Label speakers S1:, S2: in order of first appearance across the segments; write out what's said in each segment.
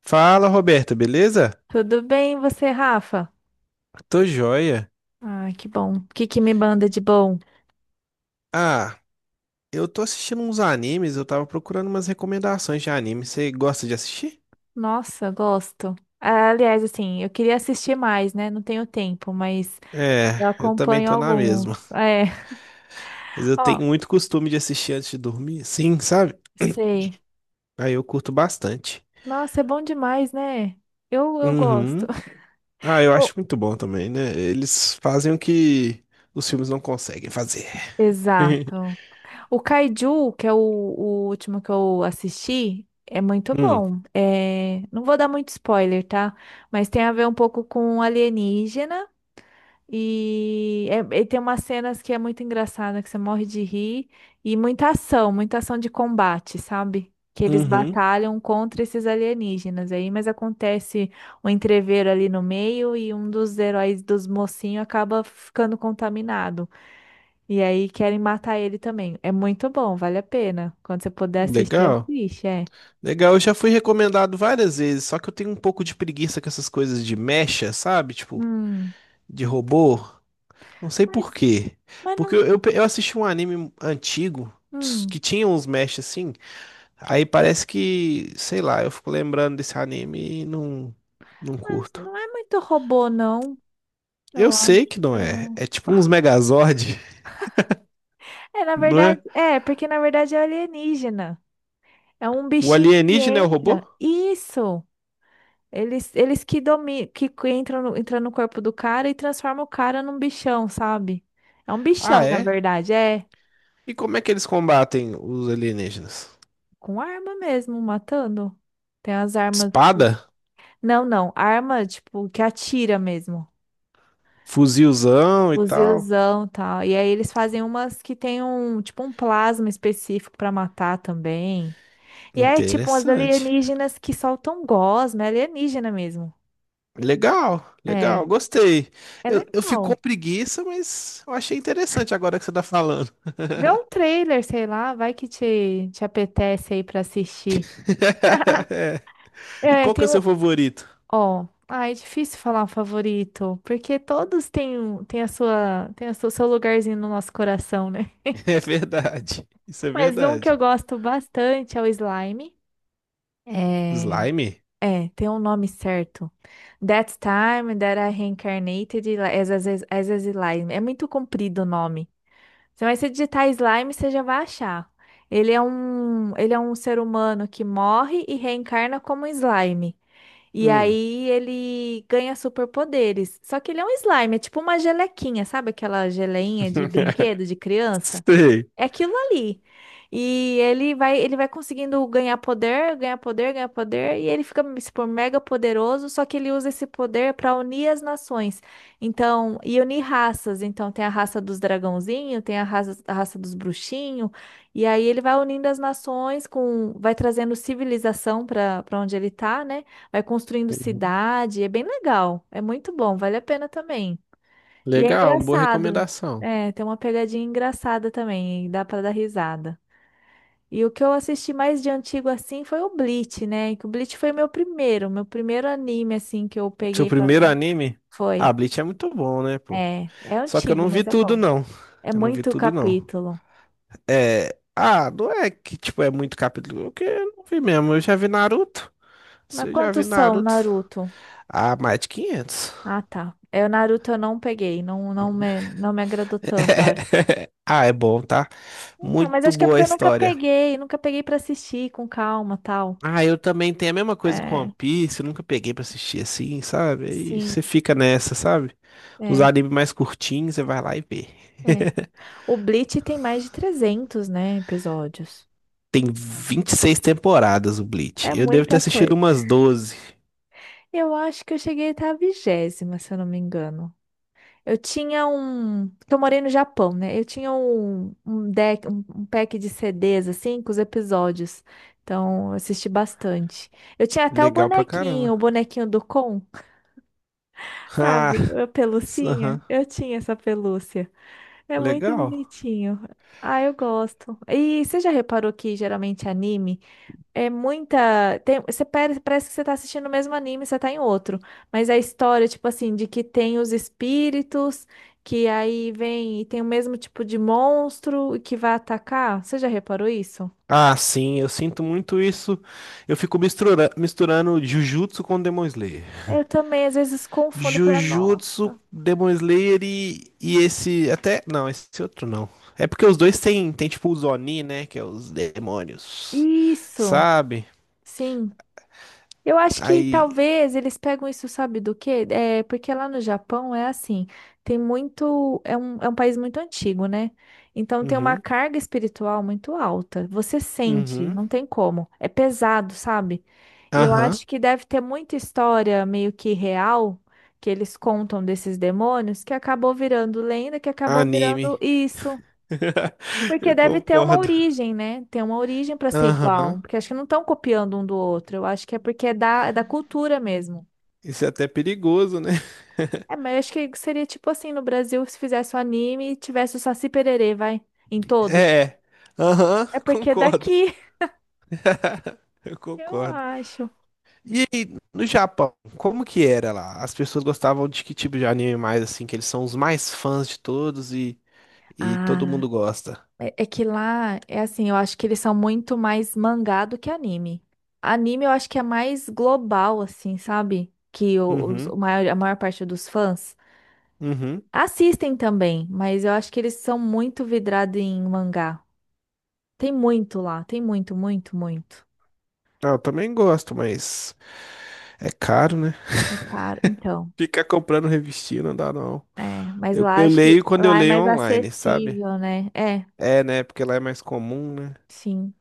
S1: Fala, Roberta, beleza?
S2: Tudo bem, e você, Rafa?
S1: Tô joia.
S2: Ah, que bom. O que que me manda de bom?
S1: Ah, eu tô assistindo uns animes, eu tava procurando umas recomendações de anime. Você gosta de assistir?
S2: Nossa, gosto. Ah, aliás, assim, eu queria assistir mais, né? Não tenho tempo, mas
S1: É,
S2: eu
S1: eu também
S2: acompanho
S1: tô na
S2: alguns.
S1: mesma.
S2: É,
S1: Mas eu
S2: ó,
S1: tenho muito costume de assistir antes de dormir, sim, sabe?
S2: sei.
S1: Aí eu curto bastante.
S2: Nossa, é bom demais, né? Eu gosto.
S1: Uhum. Ah, eu
S2: O-
S1: acho muito bom também, né? Eles fazem o que os filmes não conseguem fazer.
S2: Exato. O Kaiju, que é o último que eu assisti, é muito
S1: Hum,
S2: bom. É, não vou dar muito spoiler, tá? Mas tem a ver um pouco com alienígena. E tem umas cenas que é muito engraçada, que você morre de rir, e muita ação de combate, sabe? Que eles
S1: uhum,
S2: batalham contra esses alienígenas aí, mas acontece um entrevero ali no meio e um dos heróis dos mocinhos acaba ficando contaminado. E aí querem matar ele também. É muito bom, vale a pena. Quando você puder assistir,
S1: legal.
S2: assiste, é.
S1: Legal, eu já fui recomendado várias vezes, só que eu tenho um pouco de preguiça com essas coisas de mecha, sabe? Tipo,
S2: Hum,
S1: de robô? Não sei
S2: mas,
S1: por quê.
S2: mas
S1: Porque eu,
S2: não,
S1: eu, eu assisti um anime antigo
S2: hum,
S1: que tinha uns mesh assim. Aí parece que, sei lá, eu fico lembrando desse anime e não
S2: mas
S1: curto.
S2: não é muito robô, não,
S1: Eu
S2: eu acho.
S1: sei que não é. É tipo uns Megazord,
S2: É, na
S1: não
S2: verdade,
S1: é?
S2: é, porque na verdade é alienígena. É um
S1: O
S2: bichinho que
S1: alienígena é o robô?
S2: entra. Isso! Eles que dominam, que entram no corpo do cara e transformam o cara num bichão, sabe? É um
S1: Ah,
S2: bichão, na
S1: é?
S2: verdade, é.
S1: E como é que eles combatem os alienígenas?
S2: Com arma mesmo, matando. Tem as armas.
S1: Espada?
S2: Não, não. Arma, tipo, que atira mesmo.
S1: Fuzilzão e tal?
S2: Fuzilzão e tal. E aí eles fazem umas que tem um, tipo, um plasma específico pra matar também. E é tipo umas
S1: Interessante.
S2: alienígenas que soltam gosma, é alienígena mesmo.
S1: Legal, legal,
S2: É,
S1: gostei.
S2: é
S1: Eu fico com
S2: legal.
S1: preguiça, mas eu achei interessante agora que você tá falando.
S2: Vê um trailer, sei lá, vai que te apetece aí pra assistir.
S1: É. E
S2: É,
S1: qual que é o
S2: tem
S1: seu
S2: um.
S1: favorito?
S2: Ó, ah, é difícil falar um favorito, porque todos têm, têm a sua, têm o seu lugarzinho no nosso coração, né?
S1: É verdade, isso é
S2: Mas um que eu
S1: verdade.
S2: gosto bastante é o Slime. É,
S1: Slime?
S2: é, tem um nome certo. That Time That I Reincarnated as a Slime. É muito comprido o nome. Você vai se digitar slime, você já vai achar. Ele é um ser humano que morre e reencarna como slime. E
S1: Hum.
S2: aí ele ganha superpoderes. Só que ele é um slime, é tipo uma gelequinha, sabe aquela geleinha de brinquedo de criança?
S1: Sei.
S2: É aquilo ali. E ele vai conseguindo ganhar poder, ganhar poder, ganhar poder, e ele fica, tipo, mega poderoso, só que ele usa esse poder para unir as nações. Então, e unir raças. Então, tem a raça dos dragãozinhos, tem a raça dos bruxinhos, e aí ele vai unindo as nações com, vai trazendo civilização para onde ele tá, né? Vai construindo
S1: Uhum.
S2: cidade, é bem legal, é muito bom, vale a pena também. E é
S1: Legal, uma boa
S2: engraçado.
S1: recomendação.
S2: É, tem uma pegadinha engraçada também, e dá pra dar risada. E o que eu assisti mais de antigo assim foi o Bleach, né? Que o Bleach foi meu primeiro anime assim que eu
S1: Seu
S2: peguei pra
S1: primeiro
S2: ver.
S1: anime? Ah,
S2: Foi.
S1: Bleach é muito bom, né, pô?
S2: É, é
S1: Só que eu
S2: antigo,
S1: não vi
S2: mas é
S1: tudo,
S2: bom.
S1: não.
S2: É
S1: Eu não vi
S2: muito
S1: tudo, não.
S2: capítulo.
S1: É. Ah, não é que, tipo, é muito capítulo. Porque eu não vi mesmo. Eu já vi Naruto.
S2: Mas
S1: Se eu já vi
S2: quantos são,
S1: Naruto.
S2: Naruto?
S1: Ah, mais de 500.
S2: Ah, tá. É, o Naruto eu não peguei, não, não me agradou tanto, eu acho.
S1: Ah, é bom, tá?
S2: Então, mas
S1: Muito
S2: acho que é
S1: boa a
S2: porque eu
S1: história.
S2: nunca peguei pra assistir com calma, tal.
S1: Ah, eu também tenho a mesma coisa com One
S2: É,
S1: Piece, eu nunca peguei pra assistir assim, sabe? Aí
S2: sim,
S1: você fica nessa, sabe? Os
S2: é.
S1: animes mais curtinhos, você vai lá e vê.
S2: É. O Bleach tem mais de 300, né, episódios.
S1: Tem 26 temporadas o Bleach.
S2: É
S1: Eu devo ter
S2: muita
S1: assistido
S2: coisa.
S1: umas 12.
S2: Eu acho que eu cheguei a estar a vigésima, se eu não me engano. Eu tinha um. Que Eu morei no Japão, né? Eu tinha um deck, um pack de CDs, assim, com os episódios. Então, eu assisti bastante. Eu tinha até
S1: Legal pra caramba.
S2: o bonequinho do Kon,
S1: Ah,
S2: sabe? A
S1: s- aham,
S2: pelucinha. Eu tinha essa pelúcia. É muito
S1: legal.
S2: bonitinho. Ah, eu gosto. E você já reparou que geralmente anime é muita. Tem, você parece que você tá assistindo o mesmo anime, você tá em outro. Mas a história, tipo assim, de que tem os espíritos, que aí vem e tem o mesmo tipo de monstro e que vai atacar. Você já reparou isso?
S1: Ah, sim, eu sinto muito isso. Eu fico misturando, misturando Jujutsu com Demon Slayer.
S2: Eu também, às vezes, confundo. Eu falo, nossa.
S1: Jujutsu, Demon Slayer e esse. Até. Não, esse outro não. É porque os dois têm, tem tipo os Oni, né? Que é os demônios.
S2: Isso!
S1: Sabe?
S2: Sim. Eu acho que
S1: Aí.
S2: talvez eles pegam isso, sabe do quê? É, porque lá no Japão é assim, tem muito, é é um país muito antigo, né? Então tem uma
S1: Uhum.
S2: carga espiritual muito alta. Você sente,
S1: Uhum.
S2: não tem como. É pesado, sabe? E eu
S1: Aham.
S2: acho que deve ter muita história meio que real que eles contam desses demônios que acabou virando lenda, que acabou virando
S1: Anime.
S2: isso. Porque
S1: Eu
S2: deve ter uma
S1: concordo.
S2: origem, né? Tem uma origem para ser
S1: Aham.
S2: igual. Porque acho que não estão copiando um do outro. Eu acho que é porque é é da cultura mesmo.
S1: Isso é até perigoso, né?
S2: É, mas eu acho que seria tipo assim no Brasil se fizesse um anime e tivesse o Saci Pererê, vai, em todos.
S1: É. Aham,
S2: É porque é
S1: concordo.
S2: daqui,
S1: Eu
S2: eu
S1: concordo.
S2: acho.
S1: E aí, no Japão, como que era lá? As pessoas gostavam de que tipo de anime mais, assim, que eles são os mais fãs de todos e todo
S2: Ah,
S1: mundo gosta.
S2: é, é que lá é assim, eu acho que eles são muito mais mangá do que anime. Anime eu acho que é mais global, assim, sabe? Que
S1: Uhum,
S2: o maior, a maior parte dos fãs.
S1: uhum.
S2: Assistem também, mas eu acho que eles são muito vidrados em mangá. Tem muito lá, tem muito, muito, muito.
S1: Ah, eu também gosto, mas é caro, né?
S2: O cara, então,
S1: Ficar comprando revistinha não dá, não.
S2: é, mas
S1: Eu,
S2: lá
S1: eu
S2: acho que
S1: leio quando eu
S2: lá é
S1: leio
S2: mais
S1: online, sabe?
S2: acessível, né? É,
S1: É, né? Porque lá é mais comum, né?
S2: sim.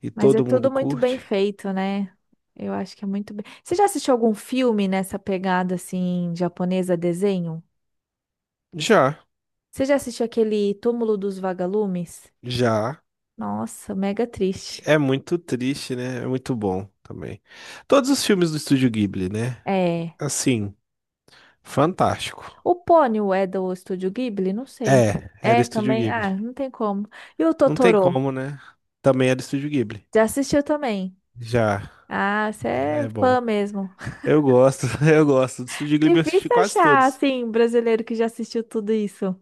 S1: E
S2: Mas é
S1: todo
S2: tudo
S1: mundo
S2: muito bem
S1: curte.
S2: feito, né? Eu acho que é muito bem. Você já assistiu algum filme nessa pegada assim japonesa desenho?
S1: Já,
S2: Você já assistiu aquele Túmulo dos Vagalumes?
S1: já.
S2: Nossa, mega triste.
S1: É muito triste, né? É muito bom também. Todos os filmes do Estúdio Ghibli, né?
S2: É.
S1: Assim. Fantástico.
S2: O Pônio é do Estúdio Ghibli? Não sei.
S1: É, era
S2: É
S1: Estúdio
S2: também?
S1: Ghibli.
S2: Ah, não tem como. E o
S1: Não tem
S2: Totoro?
S1: como, né? Também era Estúdio Ghibli.
S2: Já assistiu também?
S1: Já,
S2: Ah, você é
S1: é
S2: fã
S1: bom.
S2: mesmo.
S1: Eu gosto, eu gosto. Do Estúdio Ghibli eu
S2: Difícil
S1: assisti quase
S2: achar,
S1: todos.
S2: assim, um brasileiro que já assistiu tudo isso.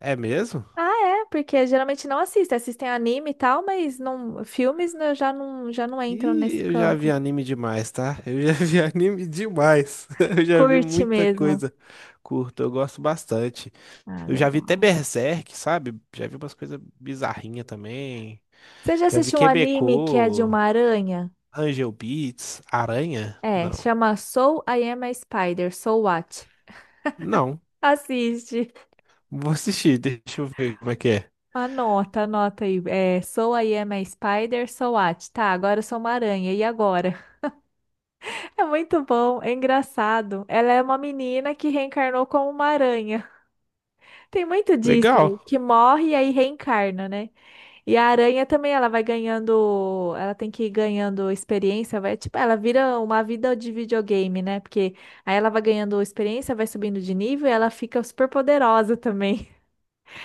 S1: É mesmo?
S2: Ah, é, porque geralmente não assiste. Assistem anime e tal, mas não, filmes né, já não entram
S1: Ih,
S2: nesse
S1: eu já vi
S2: campo.
S1: anime demais, tá? Eu já vi anime demais. Eu já vi
S2: Curte
S1: muita
S2: mesmo.
S1: coisa curta, eu gosto bastante.
S2: Ah,
S1: Eu já vi até
S2: legal.
S1: Berserk, sabe? Já vi umas coisas bizarrinhas também.
S2: Você já
S1: Já vi
S2: assistiu um anime que é de
S1: Quebecô,
S2: uma aranha?
S1: Angel Beats, Aranha?
S2: É,
S1: Não.
S2: chama Soul I Am a Spider, Soul What?
S1: Não.
S2: Assiste.
S1: Vou assistir, deixa eu ver como é que é.
S2: Anota, anota aí. É, so I am a spider, so what? Tá, agora eu sou uma aranha. E agora? É muito bom, é engraçado. Ela é uma menina que reencarnou como uma aranha. Tem muito disso,
S1: Legal,
S2: que morre e aí reencarna, né? E a aranha também, ela vai ganhando, ela tem que ir ganhando experiência, vai, tipo, ela vira uma vida de videogame, né? Porque aí ela vai ganhando experiência, vai subindo de nível e ela fica super poderosa também.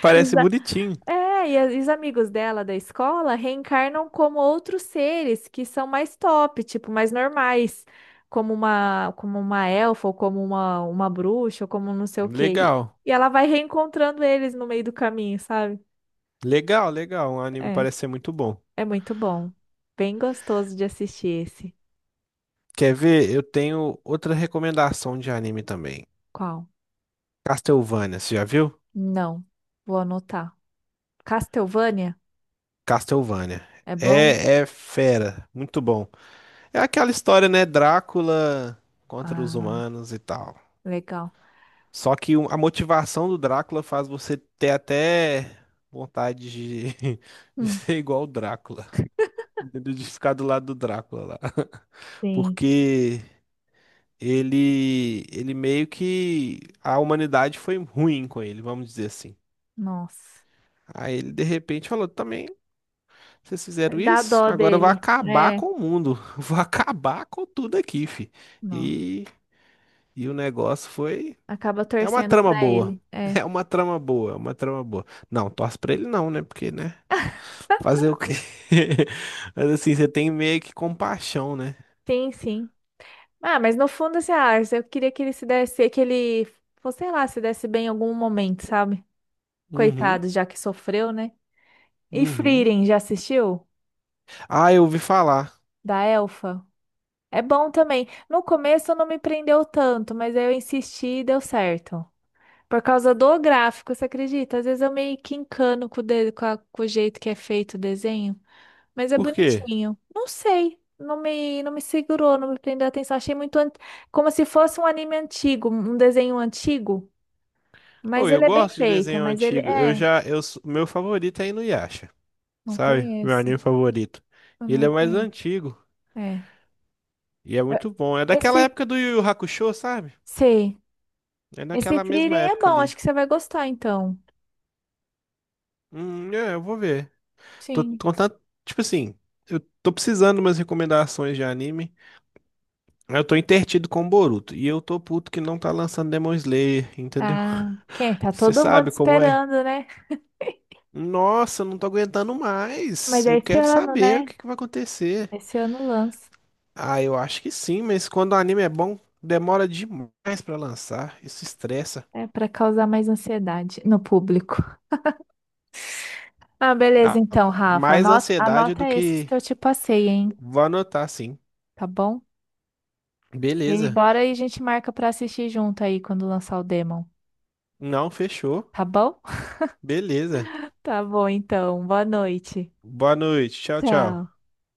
S1: parece bonitinho.
S2: É, e e os amigos dela da escola reencarnam como outros seres que são mais top, tipo, mais normais, como uma elfa, ou como uma bruxa, ou como não sei o quê.
S1: Legal,
S2: E ela vai reencontrando eles no meio do caminho, sabe?
S1: legal, legal. O anime
S2: É,
S1: parece ser muito bom.
S2: é muito bom. Bem gostoso de assistir esse.
S1: Quer ver? Eu tenho outra recomendação de anime também.
S2: Qual?
S1: Castlevania, você já viu?
S2: Não, vou anotar. Castlevania?
S1: Castlevania.
S2: É bom?
S1: É, é fera, muito bom. É aquela história, né? Drácula contra os
S2: Ah,
S1: humanos e tal.
S2: legal.
S1: Só que o- a motivação do Drácula faz você ter até vontade de, de
S2: Hum,
S1: ser igual o Drácula, de ficar do lado do Drácula lá.
S2: sim,
S1: Porque ele meio que a humanidade foi ruim com ele, vamos dizer assim.
S2: nossa.
S1: Aí ele de repente falou: também, vocês fizeram
S2: Dá
S1: isso?
S2: dó
S1: Agora eu vou
S2: dele.
S1: acabar
S2: É.
S1: com o mundo, vou acabar com tudo aqui, fi.
S2: Nossa.
S1: E, e o negócio foi.
S2: Acaba
S1: É uma
S2: torcendo
S1: trama
S2: pra
S1: boa.
S2: ele. É.
S1: É uma trama boa, é uma trama boa. Não, torce pra ele não, né? Porque, né? Fazer o quê? Mas assim, você tem meio que compaixão, né?
S2: Sim, sim. Ah, mas no fundo, assim, ah, eu queria que ele se desse, que ele, fosse sei lá, se desse bem em algum momento, sabe?
S1: Uhum,
S2: Coitado, já que sofreu, né? E
S1: uhum.
S2: Frieren, já assistiu?
S1: Ah, eu ouvi falar.
S2: Da Elfa? É bom também. No começo não me prendeu tanto, mas aí eu insisti e deu certo. Por causa do gráfico, você acredita? Às vezes eu meio que encano com o, de- com a- com o jeito que é feito o desenho. Mas é
S1: Por quê?
S2: bonitinho. Não sei. Não me segurou, não me prendeu a atenção. Achei muito como se fosse um anime antigo, um desenho antigo.
S1: Oh,
S2: Mas
S1: eu
S2: ele é bem
S1: gosto de
S2: feito.
S1: desenho
S2: Mas ele
S1: antigo. Eu
S2: é.
S1: já, eu, sou- meu favorito é Inuyasha,
S2: Não
S1: sabe? Meu
S2: conheço.
S1: anime favorito.
S2: Eu
S1: Ele
S2: não
S1: é mais
S2: conheço.
S1: antigo
S2: É.
S1: e é
S2: É,
S1: muito bom. É daquela
S2: esse.
S1: época do Yu Yu Hakusho, sabe?
S2: Sei.
S1: É
S2: Esse
S1: daquela
S2: Frieren
S1: mesma
S2: é
S1: época
S2: bom.
S1: ali.
S2: Acho que você vai gostar, então.
S1: É, eu vou ver. Tô
S2: Sim.
S1: contando, tipo assim, eu tô precisando de umas recomendações de anime. Eu tô entretido com o Boruto e eu tô puto que não tá lançando Demon Slayer, entendeu?
S2: Ah, quem? É? Tá
S1: Você
S2: todo mundo
S1: sabe como é?
S2: esperando, né?
S1: Nossa, eu não tô aguentando
S2: Mas
S1: mais.
S2: é
S1: Eu
S2: esse
S1: quero
S2: ano,
S1: saber o
S2: né?
S1: que que vai acontecer.
S2: Esse ano lança.
S1: Ah, eu acho que sim, mas quando o anime é bom, demora demais pra lançar. Isso estressa.
S2: É para causar mais ansiedade no público. Ah, beleza,
S1: Dá
S2: então, Rafa.
S1: mais
S2: Anota,
S1: ansiedade do
S2: anota esses
S1: que
S2: que eu te passei, hein?
S1: vou anotar, sim.
S2: Tá bom? E
S1: Beleza.
S2: bora aí, a gente marca pra assistir junto aí quando lançar o Demon.
S1: Não fechou.
S2: Tá bom?
S1: Beleza.
S2: Tá bom, então. Boa noite.
S1: Boa noite. Tchau,
S2: Tchau.
S1: tchau.